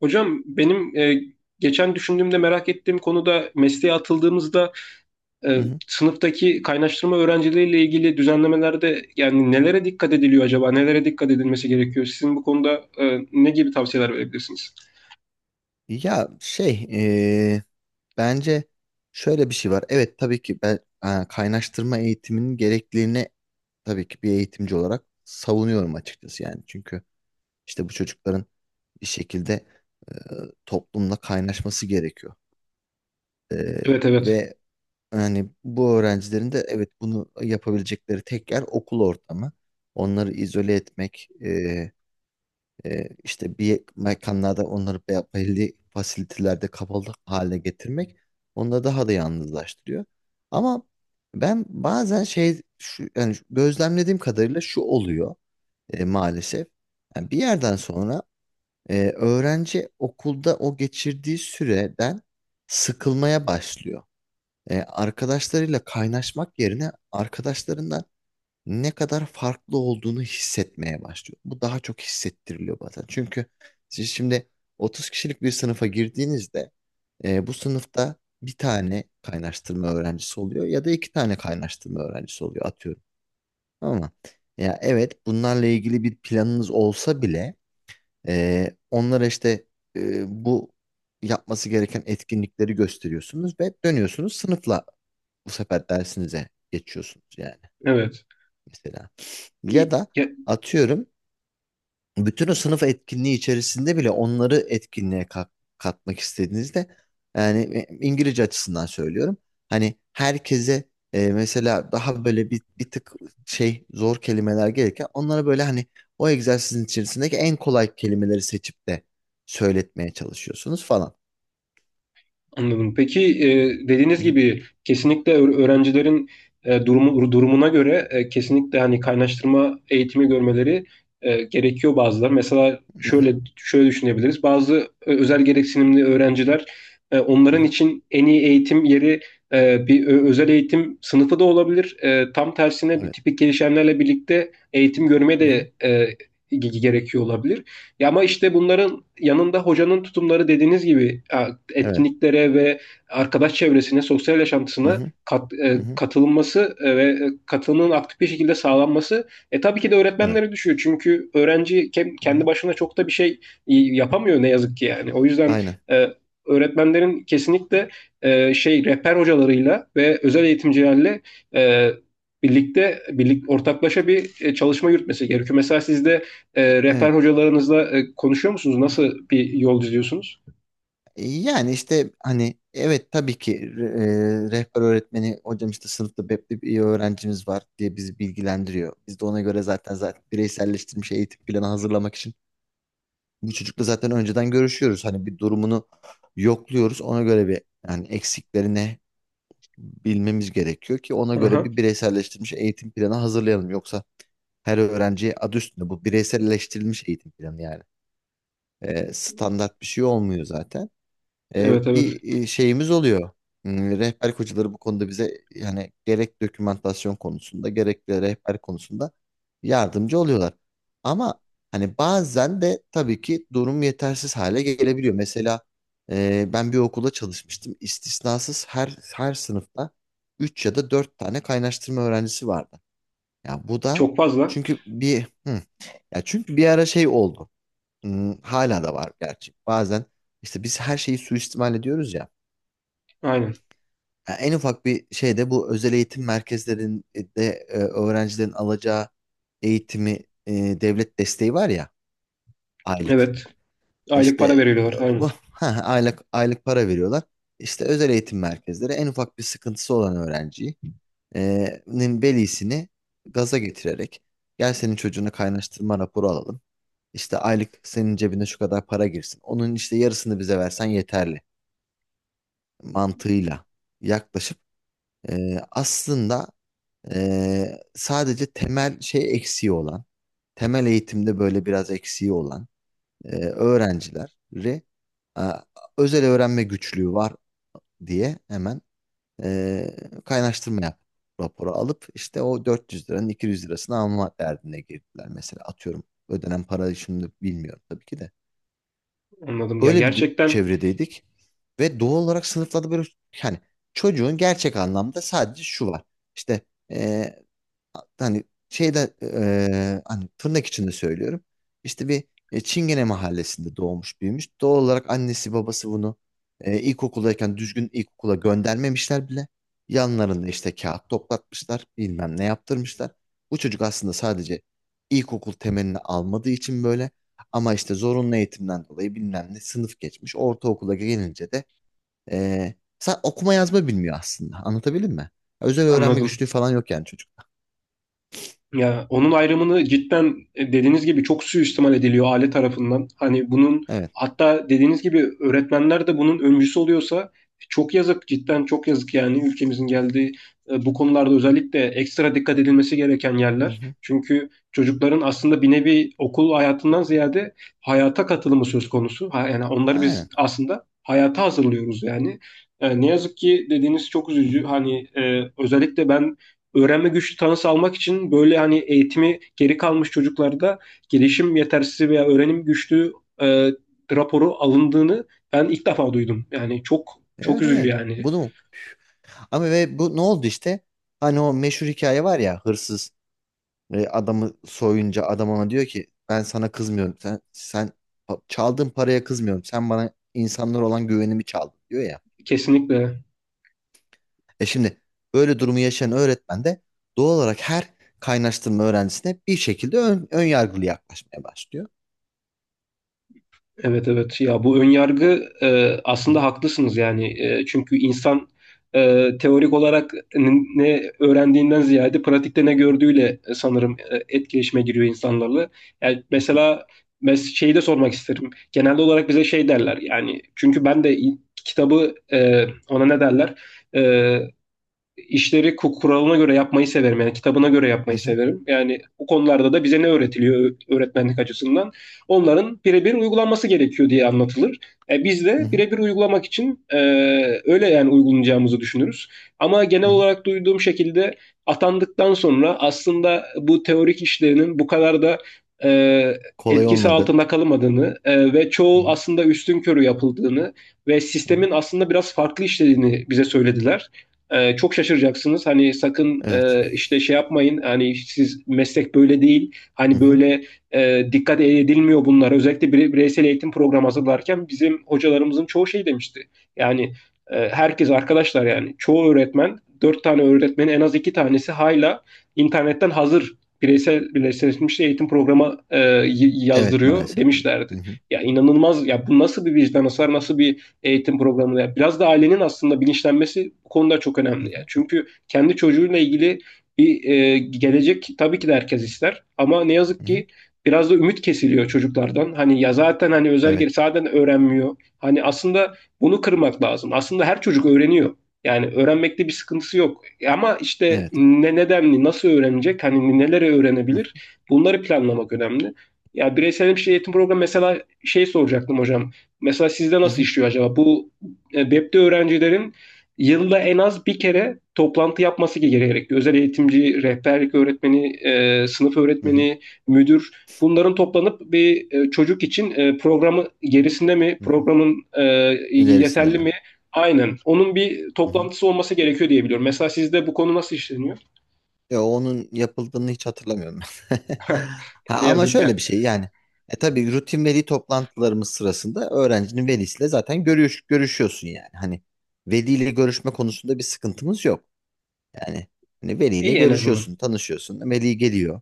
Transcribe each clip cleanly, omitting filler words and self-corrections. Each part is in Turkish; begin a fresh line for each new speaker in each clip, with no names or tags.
Hocam benim geçen düşündüğümde merak ettiğim konu da mesleğe atıldığımızda
Hı hı.
sınıftaki kaynaştırma öğrencileriyle ilgili düzenlemelerde yani nelere dikkat ediliyor acaba? Nelere dikkat edilmesi gerekiyor? Sizin bu konuda ne gibi tavsiyeler verebilirsiniz?
Ya şey eee, Bence şöyle bir şey var. Evet, tabii ki ben kaynaştırma eğitiminin gerekliliğini tabii ki bir eğitimci olarak savunuyorum açıkçası yani. Çünkü işte bu çocukların bir şekilde e, toplumla kaynaşması gerekiyor. E,
Evet, evet.
Ve yani bu öğrencilerin de evet bunu yapabilecekleri tek yer okul ortamı. Onları izole etmek, işte bir mekanlarda onları belli fasilitelerde kapalı hale getirmek onları daha da yalnızlaştırıyor. Ama ben bazen yani gözlemlediğim kadarıyla şu oluyor, maalesef. Yani bir yerden sonra öğrenci okulda o geçirdiği süreden sıkılmaya başlıyor. Arkadaşlarıyla kaynaşmak yerine arkadaşlarından ne kadar farklı olduğunu hissetmeye başlıyor. Bu daha çok hissettiriliyor bazen. Çünkü siz şimdi 30 kişilik bir sınıfa girdiğinizde bu sınıfta bir tane kaynaştırma öğrencisi oluyor ya da iki tane kaynaştırma öğrencisi oluyor, atıyorum. Ama ya evet, bunlarla ilgili bir planınız olsa bile onlara işte bu yapması gereken etkinlikleri gösteriyorsunuz ve dönüyorsunuz, sınıfla bu sefer dersinize geçiyorsunuz yani,
Evet.
mesela. Ya da atıyorum, bütün o sınıf etkinliği içerisinde bile onları etkinliğe katmak istediğinizde yani, İngilizce açısından söylüyorum. Hani herkese mesela daha böyle bir tık zor kelimeler gelirken onlara böyle hani o egzersizin içerisindeki en kolay kelimeleri seçip de söyletmeye çalışıyorsunuz falan.
Anladım. Peki, e, dediğiniz
Hı hı,
gibi kesinlikle öğrencilerin durumuna göre kesinlikle hani kaynaştırma eğitimi görmeleri gerekiyor bazıları. Mesela
hı
şöyle
hı,
şöyle düşünebiliriz. Bazı özel gereksinimli öğrenciler
hı
onların
hı.
için en iyi eğitim yeri bir özel eğitim sınıfı da olabilir. Tam tersine bir
Evet.
tipik gelişenlerle birlikte eğitim görmeye
Hı hı,
de gerekiyor olabilir. Ya ama işte bunların yanında hocanın tutumları dediğiniz gibi
evet.
etkinliklere ve arkadaş çevresine, sosyal
Hı
yaşantısına
hı, hı hı,
katılınması ve katılımın aktif bir şekilde sağlanması tabii ki de
evet.
öğretmenlere düşüyor. Çünkü öğrenci ke-
Hı
kendi
hı,
başına çok da bir şey yapamıyor ne yazık ki yani. O yüzden
aynen.
e, öğretmenlerin kesinlikle şey rehber hocalarıyla ve özel eğitimcilerle e, birlik ortaklaşa bir çalışma yürütmesi gerekiyor. Mesela sizde rehber
Evet.
hocalarınızla konuşuyor musunuz? Nasıl bir yol izliyorsunuz?
Yani işte hani evet, tabii ki rehber öğretmeni hocam işte sınıfta BEP'li bir öğrencimiz var diye bizi bilgilendiriyor. Biz de ona göre zaten bireyselleştirilmiş eğitim planı hazırlamak için bu çocukla zaten önceden görüşüyoruz. Hani bir durumunu yokluyoruz. Ona göre bir, yani eksiklerini bilmemiz gerekiyor ki ona göre
Aha.
bir bireyselleştirilmiş eğitim planı hazırlayalım. Yoksa her öğrenciye adı üstünde bu bireyselleştirilmiş eğitim planı yani. Standart bir şey olmuyor zaten.
Evet, evet.
Bir şeyimiz oluyor. Rehber kocaları bu konuda bize yani gerek dokümantasyon konusunda gerek de rehber konusunda yardımcı oluyorlar. Ama hani bazen de tabii ki durum yetersiz hale gelebiliyor. Mesela ben bir okula çalışmıştım. İstisnasız her sınıfta 3 ya da 4 tane kaynaştırma öğrencisi vardı. Ya bu da
Çok fazla.
çünkü bir hı, ya çünkü bir ara şey oldu. Hala da var gerçi. Bazen işte biz her şeyi suistimal ediyoruz ya.
Aynen.
Yani en ufak bir şeyde bu özel eğitim merkezlerinde öğrencilerin alacağı eğitimi, e, devlet desteği var ya, aylık.
Evet. Aylık
İşte
para
e,
veriyorlar. Aynen.
bu aylık aylık para veriyorlar. İşte özel eğitim merkezleri en ufak bir sıkıntısı olan öğrenciyi nin velisini gaza getirerek, gel senin çocuğuna kaynaştırma raporu alalım. İşte aylık senin cebine şu kadar para girsin. Onun işte yarısını bize versen yeterli mantığıyla yaklaşıp aslında sadece temel eksiği olan, temel eğitimde böyle biraz eksiği olan öğrencileri e, özel öğrenme güçlüğü var diye hemen e, kaynaştırma yap raporu alıp işte o 400 liranın 200 lirasını alma derdine girdiler, mesela, atıyorum. Ödenen parayı şimdi bilmiyorum tabii ki de.
Anladım. Ya,
Öyle bir
gerçekten
çevredeydik ve doğal olarak sınıflarda böyle, yani çocuğun gerçek anlamda sadece şu var. İşte hani hani tırnak içinde söylüyorum. İşte bir Çingene mahallesinde doğmuş büyümüş. Doğal olarak annesi babası bunu ilkokuldayken düzgün ilkokula göndermemişler bile. Yanlarında işte kağıt toplatmışlar, bilmem ne yaptırmışlar. Bu çocuk aslında sadece ilkokul temelini almadığı için böyle, ama işte zorunlu eğitimden dolayı bilmem ne sınıf geçmiş. Ortaokula gelince de e, okuma yazma bilmiyor aslında. Anlatabildim mi? Özel öğrenme
anladım.
güçlüğü falan yok yani çocukta.
Ya onun ayrımını cidden dediğiniz gibi çok suistimal ediliyor aile tarafından. Hani bunun,
Evet.
hatta dediğiniz gibi öğretmenler de bunun öncüsü oluyorsa, çok yazık, cidden çok yazık, yani ülkemizin geldiği bu konularda özellikle ekstra dikkat edilmesi gereken
Hı
yerler.
hı.
Çünkü çocukların aslında bir nevi okul hayatından ziyade hayata katılımı söz konusu. Yani onları biz
Aynen.
aslında hayata hazırlıyoruz yani. Ne yazık ki dediğiniz çok
Hı
üzücü.
hı.
Hani özellikle ben, öğrenme güçlüğü tanısı almak için böyle hani eğitimi geri kalmış çocuklarda gelişim yetersizliği veya öğrenim güçlüğü e, raporu alındığını ben ilk defa duydum. Yani çok çok
Evet,
üzücü
evet.
yani.
Bunu, ama ve bu ne oldu işte? Hani o meşhur hikaye var ya, hırsız adamı soyunca adam ona diyor ki ben sana kızmıyorum. Sen çaldığın paraya kızmıyorum. Sen bana insanlar olan güvenimi çaldın diyor ya.
Kesinlikle.
Şimdi böyle durumu yaşayan öğretmen de doğal olarak her kaynaştırma öğrencisine bir şekilde ön yargılı yaklaşmaya başlıyor.
Evet, evet, ya bu
O,
önyargı,
hı hı,
aslında haklısınız yani. Çünkü insan teorik olarak ne öğrendiğinden ziyade pratikte ne gördüğüyle sanırım etkileşime giriyor insanlarla. Yani mesela şeyi de sormak isterim. Genelde olarak bize şey derler yani, çünkü ben de kitabı, ona ne derler? E, işleri kuralına göre yapmayı severim. Yani kitabına göre
hı
yapmayı
hı,
severim. Yani bu konularda da bize ne öğretiliyor öğretmenlik açısından? Onların birebir uygulanması gerekiyor diye anlatılır. Biz
hı
de
hı.
birebir uygulamak için öyle yani uygulayacağımızı düşünürüz. Ama genel
Hı hı.
olarak duyduğum şekilde atandıktan sonra aslında bu teorik işlerinin bu kadar da e,
Kolay
etkisi
olmadı.
altında kalmadığını ve
Hı
çoğu
hı,
aslında üstünkörü yapıldığını ve
hı. Hı.
sistemin aslında biraz farklı işlediğini bize söylediler. Çok şaşıracaksınız. Hani sakın
Evet.
işte şey yapmayın. Hani siz, meslek böyle değil.
Hı
Hani
hı.
böyle dikkat edilmiyor bunlar. Özellikle bireysel eğitim programı hazırlarken bizim hocalarımızın çoğu şey demişti. Yani herkes arkadaşlar, yani çoğu öğretmen, dört tane öğretmenin en az iki tanesi hala internetten hazır bireysel birleştirilmiş eğitim programı
Evet,
yazdırıyor
maalesef öyle.
demişlerdi.
Hı hı,
Ya inanılmaz ya, bu nasıl bir vicdan, hasar, nasıl bir eğitim programına. Biraz da ailenin aslında bilinçlenmesi bu konuda çok
hı
önemli. Yani.
hı,
Çünkü kendi çocuğuyla ilgili bir gelecek tabii ki de herkes ister. Ama ne yazık
hı hı.
ki biraz da ümit kesiliyor çocuklardan. Hani ya zaten, hani özel geri
Evet.
zaten öğrenmiyor. Hani aslında bunu kırmak lazım. Aslında her çocuk öğreniyor. Yani öğrenmekte bir sıkıntısı yok. Ama işte
Evet.
ne nedenli, nasıl öğrenecek, hani neleri
Hı
öğrenebilir, bunları planlamak önemli. Ya bireysel bir şey eğitim programı, mesela şey soracaktım hocam. Mesela sizde nasıl
hı,
işliyor acaba? Bu webde öğrencilerin yılda en az bir kere toplantı yapması gerekiyor. Özel eğitimci, rehberlik öğretmeni, sınıf
hı hı,
öğretmeni, müdür, bunların toplanıp bir çocuk için programı gerisinde mi,
hı hı.
programın
İlerisinde
yeterli
mi?
mi? Aynen. Onun bir
Hı hı.
toplantısı olması gerekiyor diye biliyorum. Mesela sizde bu konu nasıl işleniyor?
Ya onun yapıldığını hiç hatırlamıyorum ben. Ha,
Ne
Ama
yazık
şöyle
ya.
bir şey yani. Tabii rutin veli toplantılarımız sırasında öğrencinin velisiyle zaten görüşüyorsun yani. Hani veliyle görüşme konusunda bir sıkıntımız yok. Yani hani veliyle
İyi en azından.
görüşüyorsun, tanışıyorsun. Veli geliyor.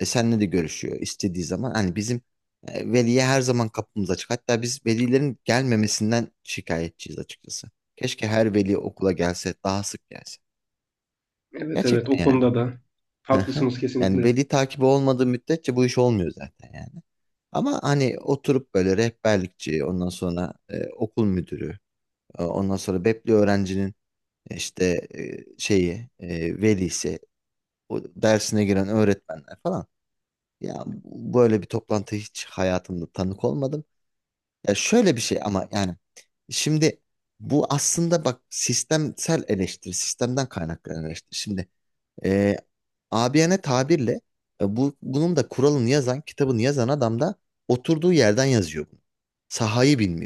Seninle de görüşüyor istediği zaman. Hani bizim veliye her zaman kapımız açık. Hatta biz velilerin gelmemesinden şikayetçiyiz açıkçası. Keşke her veli okula gelse, daha sık gelse.
Evet, evet, o
Gerçekten yani.
konuda da haklısınız
Yani
kesinlikle.
veli takibi olmadığı müddetçe bu iş olmuyor zaten yani. Ama hani oturup böyle rehberlikçi, ondan sonra okul müdürü, ondan sonra Bepli öğrencinin işte velisi, o dersine giren öğretmenler falan. Ya böyle bir toplantı hiç hayatımda tanık olmadım. Ya şöyle bir şey ama yani şimdi bu aslında bak sistemsel eleştiri, sistemden kaynaklanan eleştiri. Şimdi e, abiyane tabirle bu bunun da kuralını yazan, kitabını yazan adam da oturduğu yerden yazıyor bunu. Sahayı bilmiyor.